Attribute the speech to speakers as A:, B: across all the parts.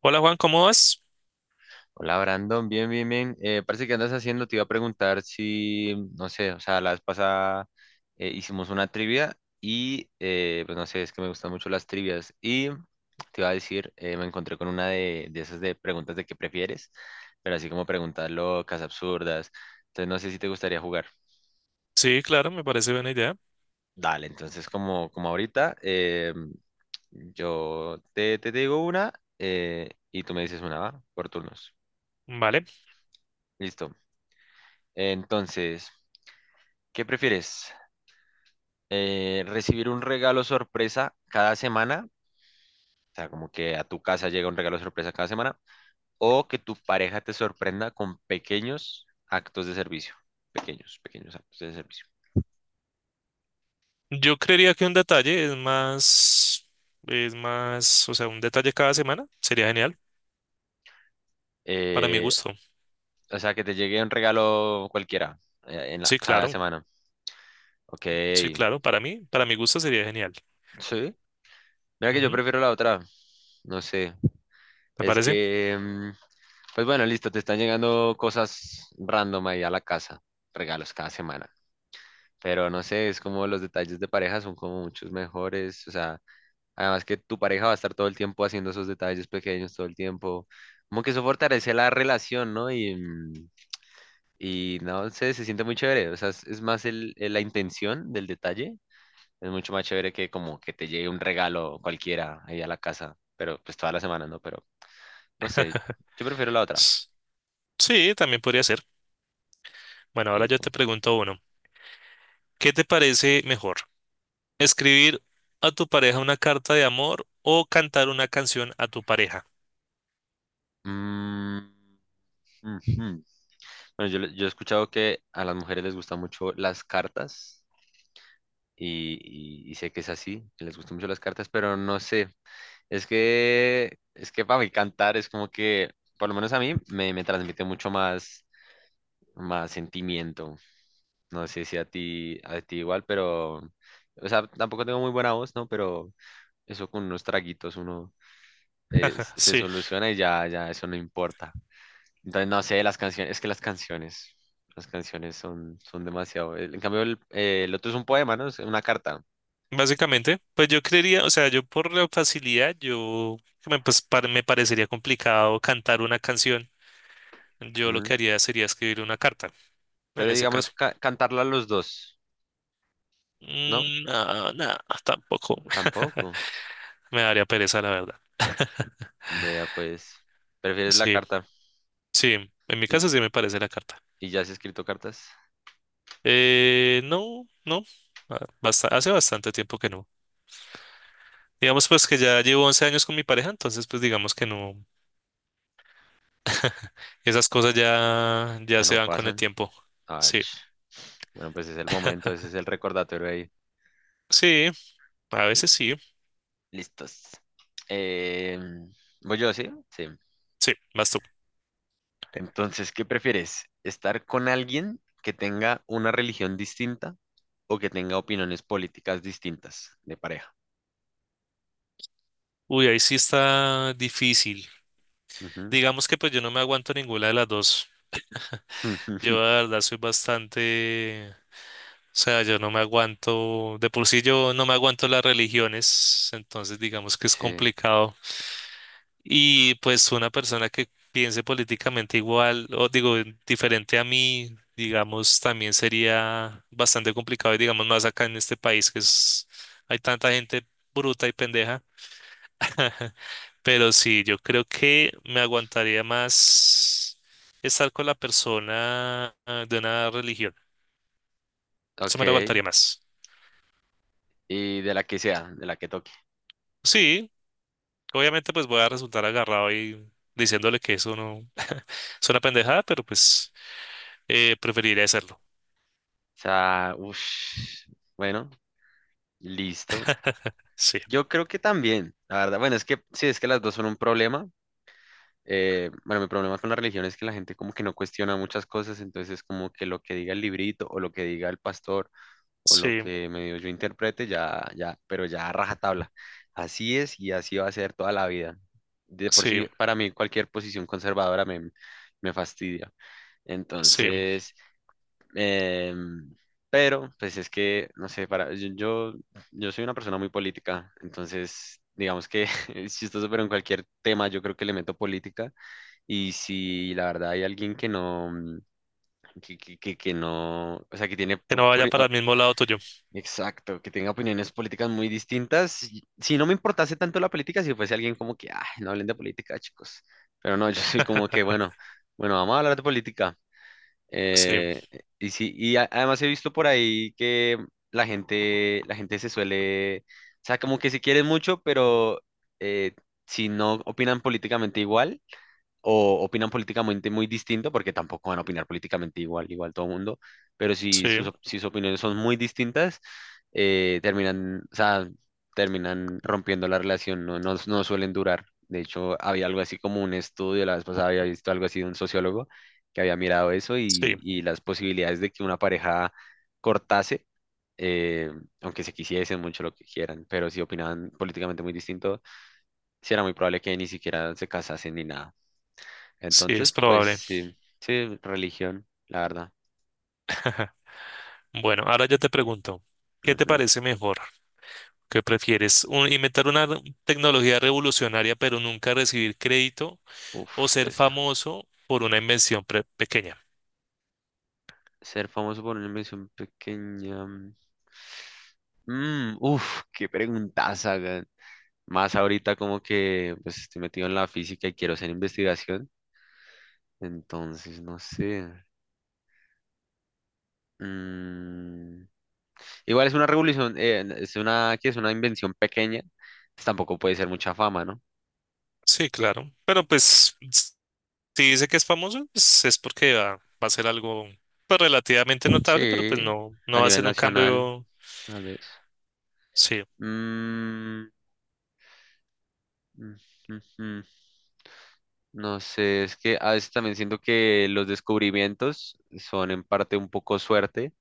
A: Hola Juan, ¿cómo vas?
B: Hola Brandon, bien, bien, bien. Parece que andas haciendo, te iba a preguntar si, no sé, o sea, la vez pasada hicimos una trivia y, pues no sé, es que me gustan mucho las trivias y te iba a decir, me encontré con una de, esas de preguntas de qué prefieres, pero así como preguntas locas, absurdas. Entonces no sé si te gustaría jugar.
A: Sí, claro, me parece buena idea.
B: Dale, entonces como, ahorita, yo te digo una y tú me dices una, ¿va? Por turnos.
A: Vale.
B: Listo. Entonces... ¿Qué prefieres? ¿Recibir un regalo sorpresa cada semana? O sea, como que a tu casa llega un regalo sorpresa cada semana. ¿O que tu pareja te sorprenda con pequeños actos de servicio? Pequeños, pequeños actos de servicio.
A: Yo creería que un detalle o sea, un detalle cada semana sería genial para mi
B: Eh,
A: gusto.
B: o sea, que te llegue un regalo cualquiera
A: Sí,
B: cada
A: claro,
B: semana. Ok,
A: sí, claro, para mí, para mi gusto sería genial.
B: sí. Mira que yo
A: Ujú.
B: prefiero la otra. No sé.
A: ¿Te
B: Es
A: parece?
B: que, pues bueno, listo, te están llegando cosas random ahí a la casa. Regalos cada semana. Pero no sé, es como los detalles de pareja son como muchos mejores, o sea, además que tu pareja va a estar todo el tiempo haciendo esos detalles pequeños todo el tiempo, como que eso fortalece la relación, ¿no? Y no sé, se siente muy chévere, o sea, es, más la intención del detalle, es mucho más chévere que como que te llegue un regalo cualquiera ahí a la casa, pero pues toda la semana, ¿no? Pero no sé, yo prefiero la otra.
A: S- Sí, también podría ser. Bueno, ahora
B: Y
A: yo
B: tú.
A: te pregunto uno. ¿Qué te parece mejor? ¿Escribir a tu pareja una carta de amor o cantar una canción a tu pareja?
B: Mm, ujú. Bueno, yo he escuchado que a las mujeres les gustan mucho las cartas. Y, y sé que es así, que les gustan mucho las cartas, pero no sé, es que, para mí cantar es como que, por lo menos a mí, me, transmite mucho más, más sentimiento, no sé si a ti igual, pero, o sea, tampoco tengo muy buena voz, ¿no? Pero eso con unos traguitos uno se
A: Sí.
B: soluciona y ya, ya, eso no importa. Entonces, no sé, las canciones, es que las canciones... Las canciones son, son demasiado. En cambio, el, el otro es un poema, ¿no? Es una carta.
A: Básicamente, pues yo creería, o sea, yo por la facilidad, yo me, pues, par- me parecería complicado cantar una canción. Yo lo que
B: Ujú.
A: haría sería escribir una carta, en
B: Pero
A: ese
B: digamos
A: caso.
B: cantarla los dos, ¿no?
A: Mm, no, no, tampoco
B: Tampoco.
A: me daría pereza, la verdad.
B: Vea, pues, prefieres la
A: Sí,
B: carta.
A: sí, en mi
B: ¿Y,
A: caso sí me parece la carta.
B: y ya has escrito cartas?
A: No, no, hace bastante tiempo que no. Digamos pues que ya llevo 11 años con mi pareja, entonces pues digamos que no, esas cosas
B: Ya
A: ya se
B: no
A: van con el
B: pasan.
A: tiempo.
B: Ay,
A: Sí,
B: ch. Bueno, pues es el momento, ese es el recordatorio ahí.
A: sí, a
B: L-
A: veces sí.
B: Listos. Eh, ¿Voy yo, sí? Sí.
A: Sí, vas tú.
B: Entonces, ¿qué prefieres? ¿Estar con alguien que tenga una religión distinta o que tenga opiniones políticas distintas de pareja?
A: Uy, ahí sí está difícil.
B: Ujú.
A: Digamos que pues yo no me aguanto ninguna de las dos. Yo la verdad soy bastante, o sea, yo no me aguanto, de por sí yo no me aguanto las religiones, entonces digamos que es
B: Sí.
A: complicado. Y pues una persona que piense políticamente igual, o digo, diferente a mí, digamos, también sería bastante complicado, y digamos más acá en este país hay tanta gente bruta y pendeja. Pero sí, yo creo que me aguantaría más estar con la persona de una religión. Eso
B: Ok.
A: me lo aguantaría más.
B: Y de la que sea, de la que toque.
A: Sí, obviamente pues voy a resultar agarrado y diciéndole que eso no es una pendejada, pero pues preferiría hacerlo.
B: Sea, uff, bueno, listo.
A: Sí,
B: Yo creo que también, la verdad, bueno, es que sí, es que las dos son un problema. Bueno, mi problema con la religión es que la gente como que no cuestiona muchas cosas, entonces es como que lo que diga el librito o lo que diga el pastor o lo
A: sí,
B: que medio yo interprete, ya, ya, pero ya a rajatabla. Así es y así va a ser toda la vida. De por
A: sí,
B: sí, para mí cualquier posición conservadora me, fastidia.
A: sí.
B: Entonces, eh, pero, pues es que, no sé, yo soy una persona muy política, entonces, digamos que es chistoso, pero en cualquier tema yo creo que le meto política. Y si la verdad hay alguien que no, que, que no, o sea, que tiene,
A: Que no vaya para el mismo lado tuyo.
B: exacto, que tenga opiniones políticas muy distintas, si no me importase tanto la política, si fuese alguien como que, ay, no hablen de política, chicos. Pero no, yo soy como que, bueno, bueno, vamos a hablar de política.
A: Sí,
B: Eh, y sí, además he visto por ahí que la gente, se suele, o sea, como que se quieren mucho, pero eh, si no opinan políticamente igual, o opinan políticamente muy distinto, porque tampoco van a opinar políticamente igual, igual todo el mundo, pero si sus,
A: sí,
B: si sus opiniones son muy distintas, terminan, o sea, terminan rompiendo la relación, no, no, no suelen durar. De hecho, había algo así como un estudio, la vez pasada había visto algo así de un sociólogo que había mirado eso y,
A: sí,
B: y las posibilidades de que una pareja cortase, eh, aunque se quisiesen mucho lo que quieran, pero si opinaban políticamente muy distinto, sí era muy probable que ni siquiera se casasen ni nada.
A: sí,
B: Entonces,
A: es
B: pues
A: probable.
B: sí, sí, religión, la verdad.
A: Bueno, ahora yo te pregunto, ¿qué te
B: Ujú.
A: parece mejor? ¿Qué prefieres? ¿Inventar una tecnología revolucionaria pero nunca recibir crédito o
B: Uf,
A: ser
B: Tesla.
A: famoso por una invención pequeña?
B: Ser famoso por una invención pequeña. Mm. Mm, uf, Qué preguntas hagan. Más ahorita como que pues estoy metido en la física y quiero hacer investigación. Entonces, no sé. Mm, igual es una revolución, es una, que es una invención pequeña. Pues, tampoco puede ser mucha fama, ¿no?
A: Sí, claro. Si dice que es famoso, pues es porque va a ser algo pues, relativamente notable, pero pues
B: Sí,
A: no,
B: a
A: no va a
B: nivel
A: ser un
B: nacional,
A: cambio.
B: tal vez.
A: Sí,
B: Mm, ujujú. No sé, es que a veces también siento que los descubrimientos son en parte un poco suerte,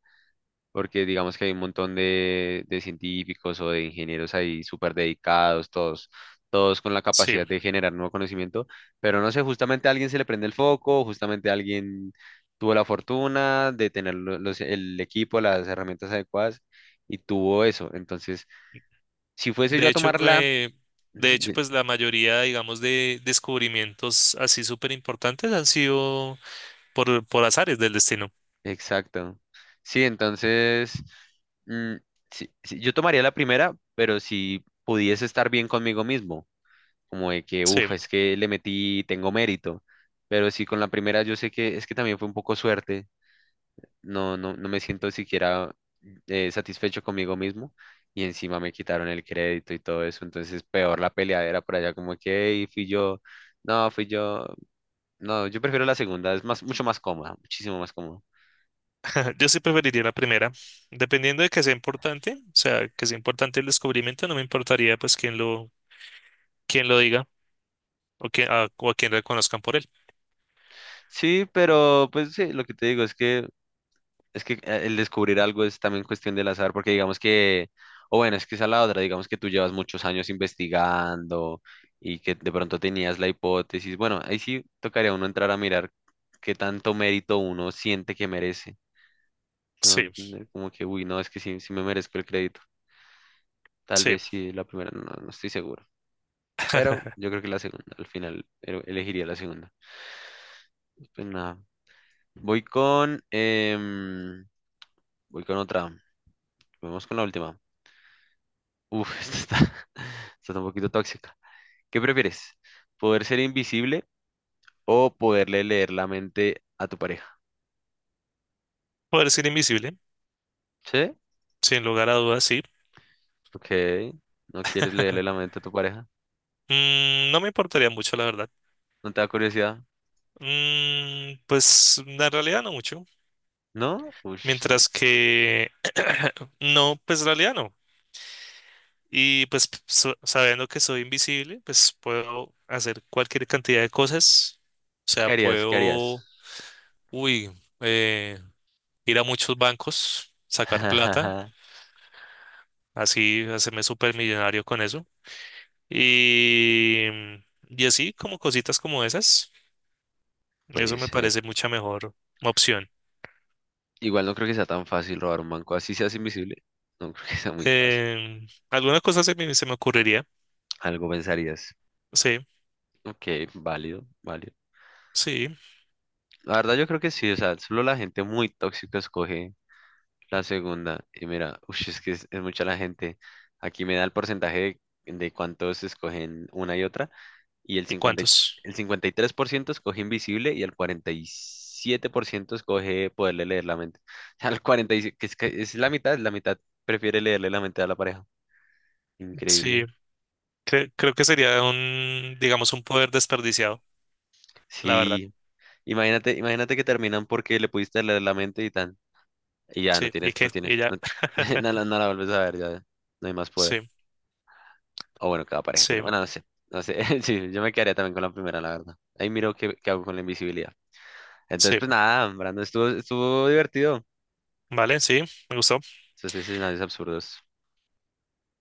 B: porque digamos que hay un montón de científicos o de ingenieros ahí súper dedicados, todos, todos con la
A: sí.
B: capacidad de generar nuevo conocimiento, pero no sé, justamente a alguien se le prende el foco, justamente alguien tuvo la fortuna de tener el equipo, las herramientas adecuadas y tuvo eso. Entonces, si fuese yo
A: De
B: a
A: hecho,
B: tomarla,
A: que- de hecho, pues la mayoría, digamos, de descubrimientos así súper importantes han sido por azares del destino.
B: exacto. Sí, entonces, mm, sí, yo tomaría la primera, pero si pudiese estar bien conmigo mismo, como de que,
A: Sí,
B: uff, es que le metí, tengo mérito, pero si con la primera yo sé que es que también fue un poco suerte, no, no, no me siento siquiera satisfecho conmigo mismo y encima me quitaron el crédito y todo eso, entonces peor la peleadera por allá, como que, "Ey, fui yo, no, yo prefiero la segunda, es más, mucho más cómoda, muchísimo más cómoda.
A: yo sí preferiría la primera. Dependiendo de que sea importante, o sea, que sea importante el descubrimiento, no me importaría pues quién lo diga o, quién, a, o a quién reconozcan por él.
B: Sí, pero pues sí, lo que te digo es que el descubrir algo es también cuestión del azar, porque digamos que, o bueno, es que esa es la otra, digamos que tú llevas muchos años investigando y que de pronto tenías la hipótesis. Bueno, ahí sí tocaría a uno entrar a mirar qué tanto mérito uno siente que merece. ¿Sí me va a
A: Sí,
B: entender? Como que, uy, no, es que sí, sí me merezco el crédito. Tal
A: sí.
B: vez sí, la primera, no, no estoy seguro. Pero yo creo que la segunda, al final elegiría la segunda. Pues nada, voy con, voy con otra. Vamos con la última. Uf, esta está, esta está un poquito tóxica. ¿Qué prefieres? ¿Poder ser invisible o poderle leer la mente a tu pareja?
A: Poder ser invisible,
B: ¿Sí?
A: sin lugar a dudas, sí.
B: Ok. ¿No quieres leerle la mente a tu pareja?
A: Mm, no me importaría mucho, la verdad.
B: ¿No te da curiosidad?
A: Mm, pues en realidad no mucho.
B: ¿No?
A: Mientras que no, pues en realidad no. Sabiendo que soy invisible, pues puedo hacer cualquier cantidad de cosas. O sea,
B: ¿Qué harías? ¿Qué harías?
A: puedo, uy, eh, ir a muchos bancos, sacar plata, así hacerme supermillonario con eso. Y, y así como cositas como esas, eso
B: Puede
A: me
B: ser.
A: parece mucha mejor opción.
B: Igual no creo que sea tan fácil robar un banco. Así seas invisible. No creo que sea muy fácil.
A: Em, alguna cosa se me ocurriría.
B: Algo pensarías.
A: Sí,
B: Ok, válido, válido.
A: sí.
B: La verdad yo creo que sí. O sea, solo la gente muy tóxica escoge la segunda, y mira, ush, es que es, mucha la gente. Aquí me da el porcentaje de cuántos escogen una y otra, y
A: ¿Y cuántos?
B: el 53% escoge invisible y el 47% escoge poderle leer la mente. O sea, el 47, que es la mitad prefiere leerle la mente a la pareja.
A: Sí.
B: Increíble.
A: Creo que sería un, digamos, un poder desperdiciado, la verdad.
B: Sí, imagínate, imagínate que terminan porque le pudiste leer la mente y tan, y ya no
A: Sí, y
B: tienes, no
A: que, y
B: tienes,
A: ya.
B: no, no, la no la vuelves a ver, ya no hay más poder.
A: Sí,
B: O bueno, cada pareja que
A: sí,
B: tenga. Bueno, no sé. No sé. Sí, yo me quedaría también con la primera, la verdad. Ahí miro qué, hago con la invisibilidad. Entonces,
A: sí.
B: pues nada, Brandon, estuvo divertido.
A: Vale, sí, me gustó.
B: Esos escenarios absurdos.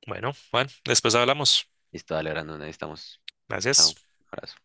A: Bueno, Juan, después hablamos.
B: Listo, dale, Brandon, ahí estamos.
A: Gracias.
B: Chao. Abrazo.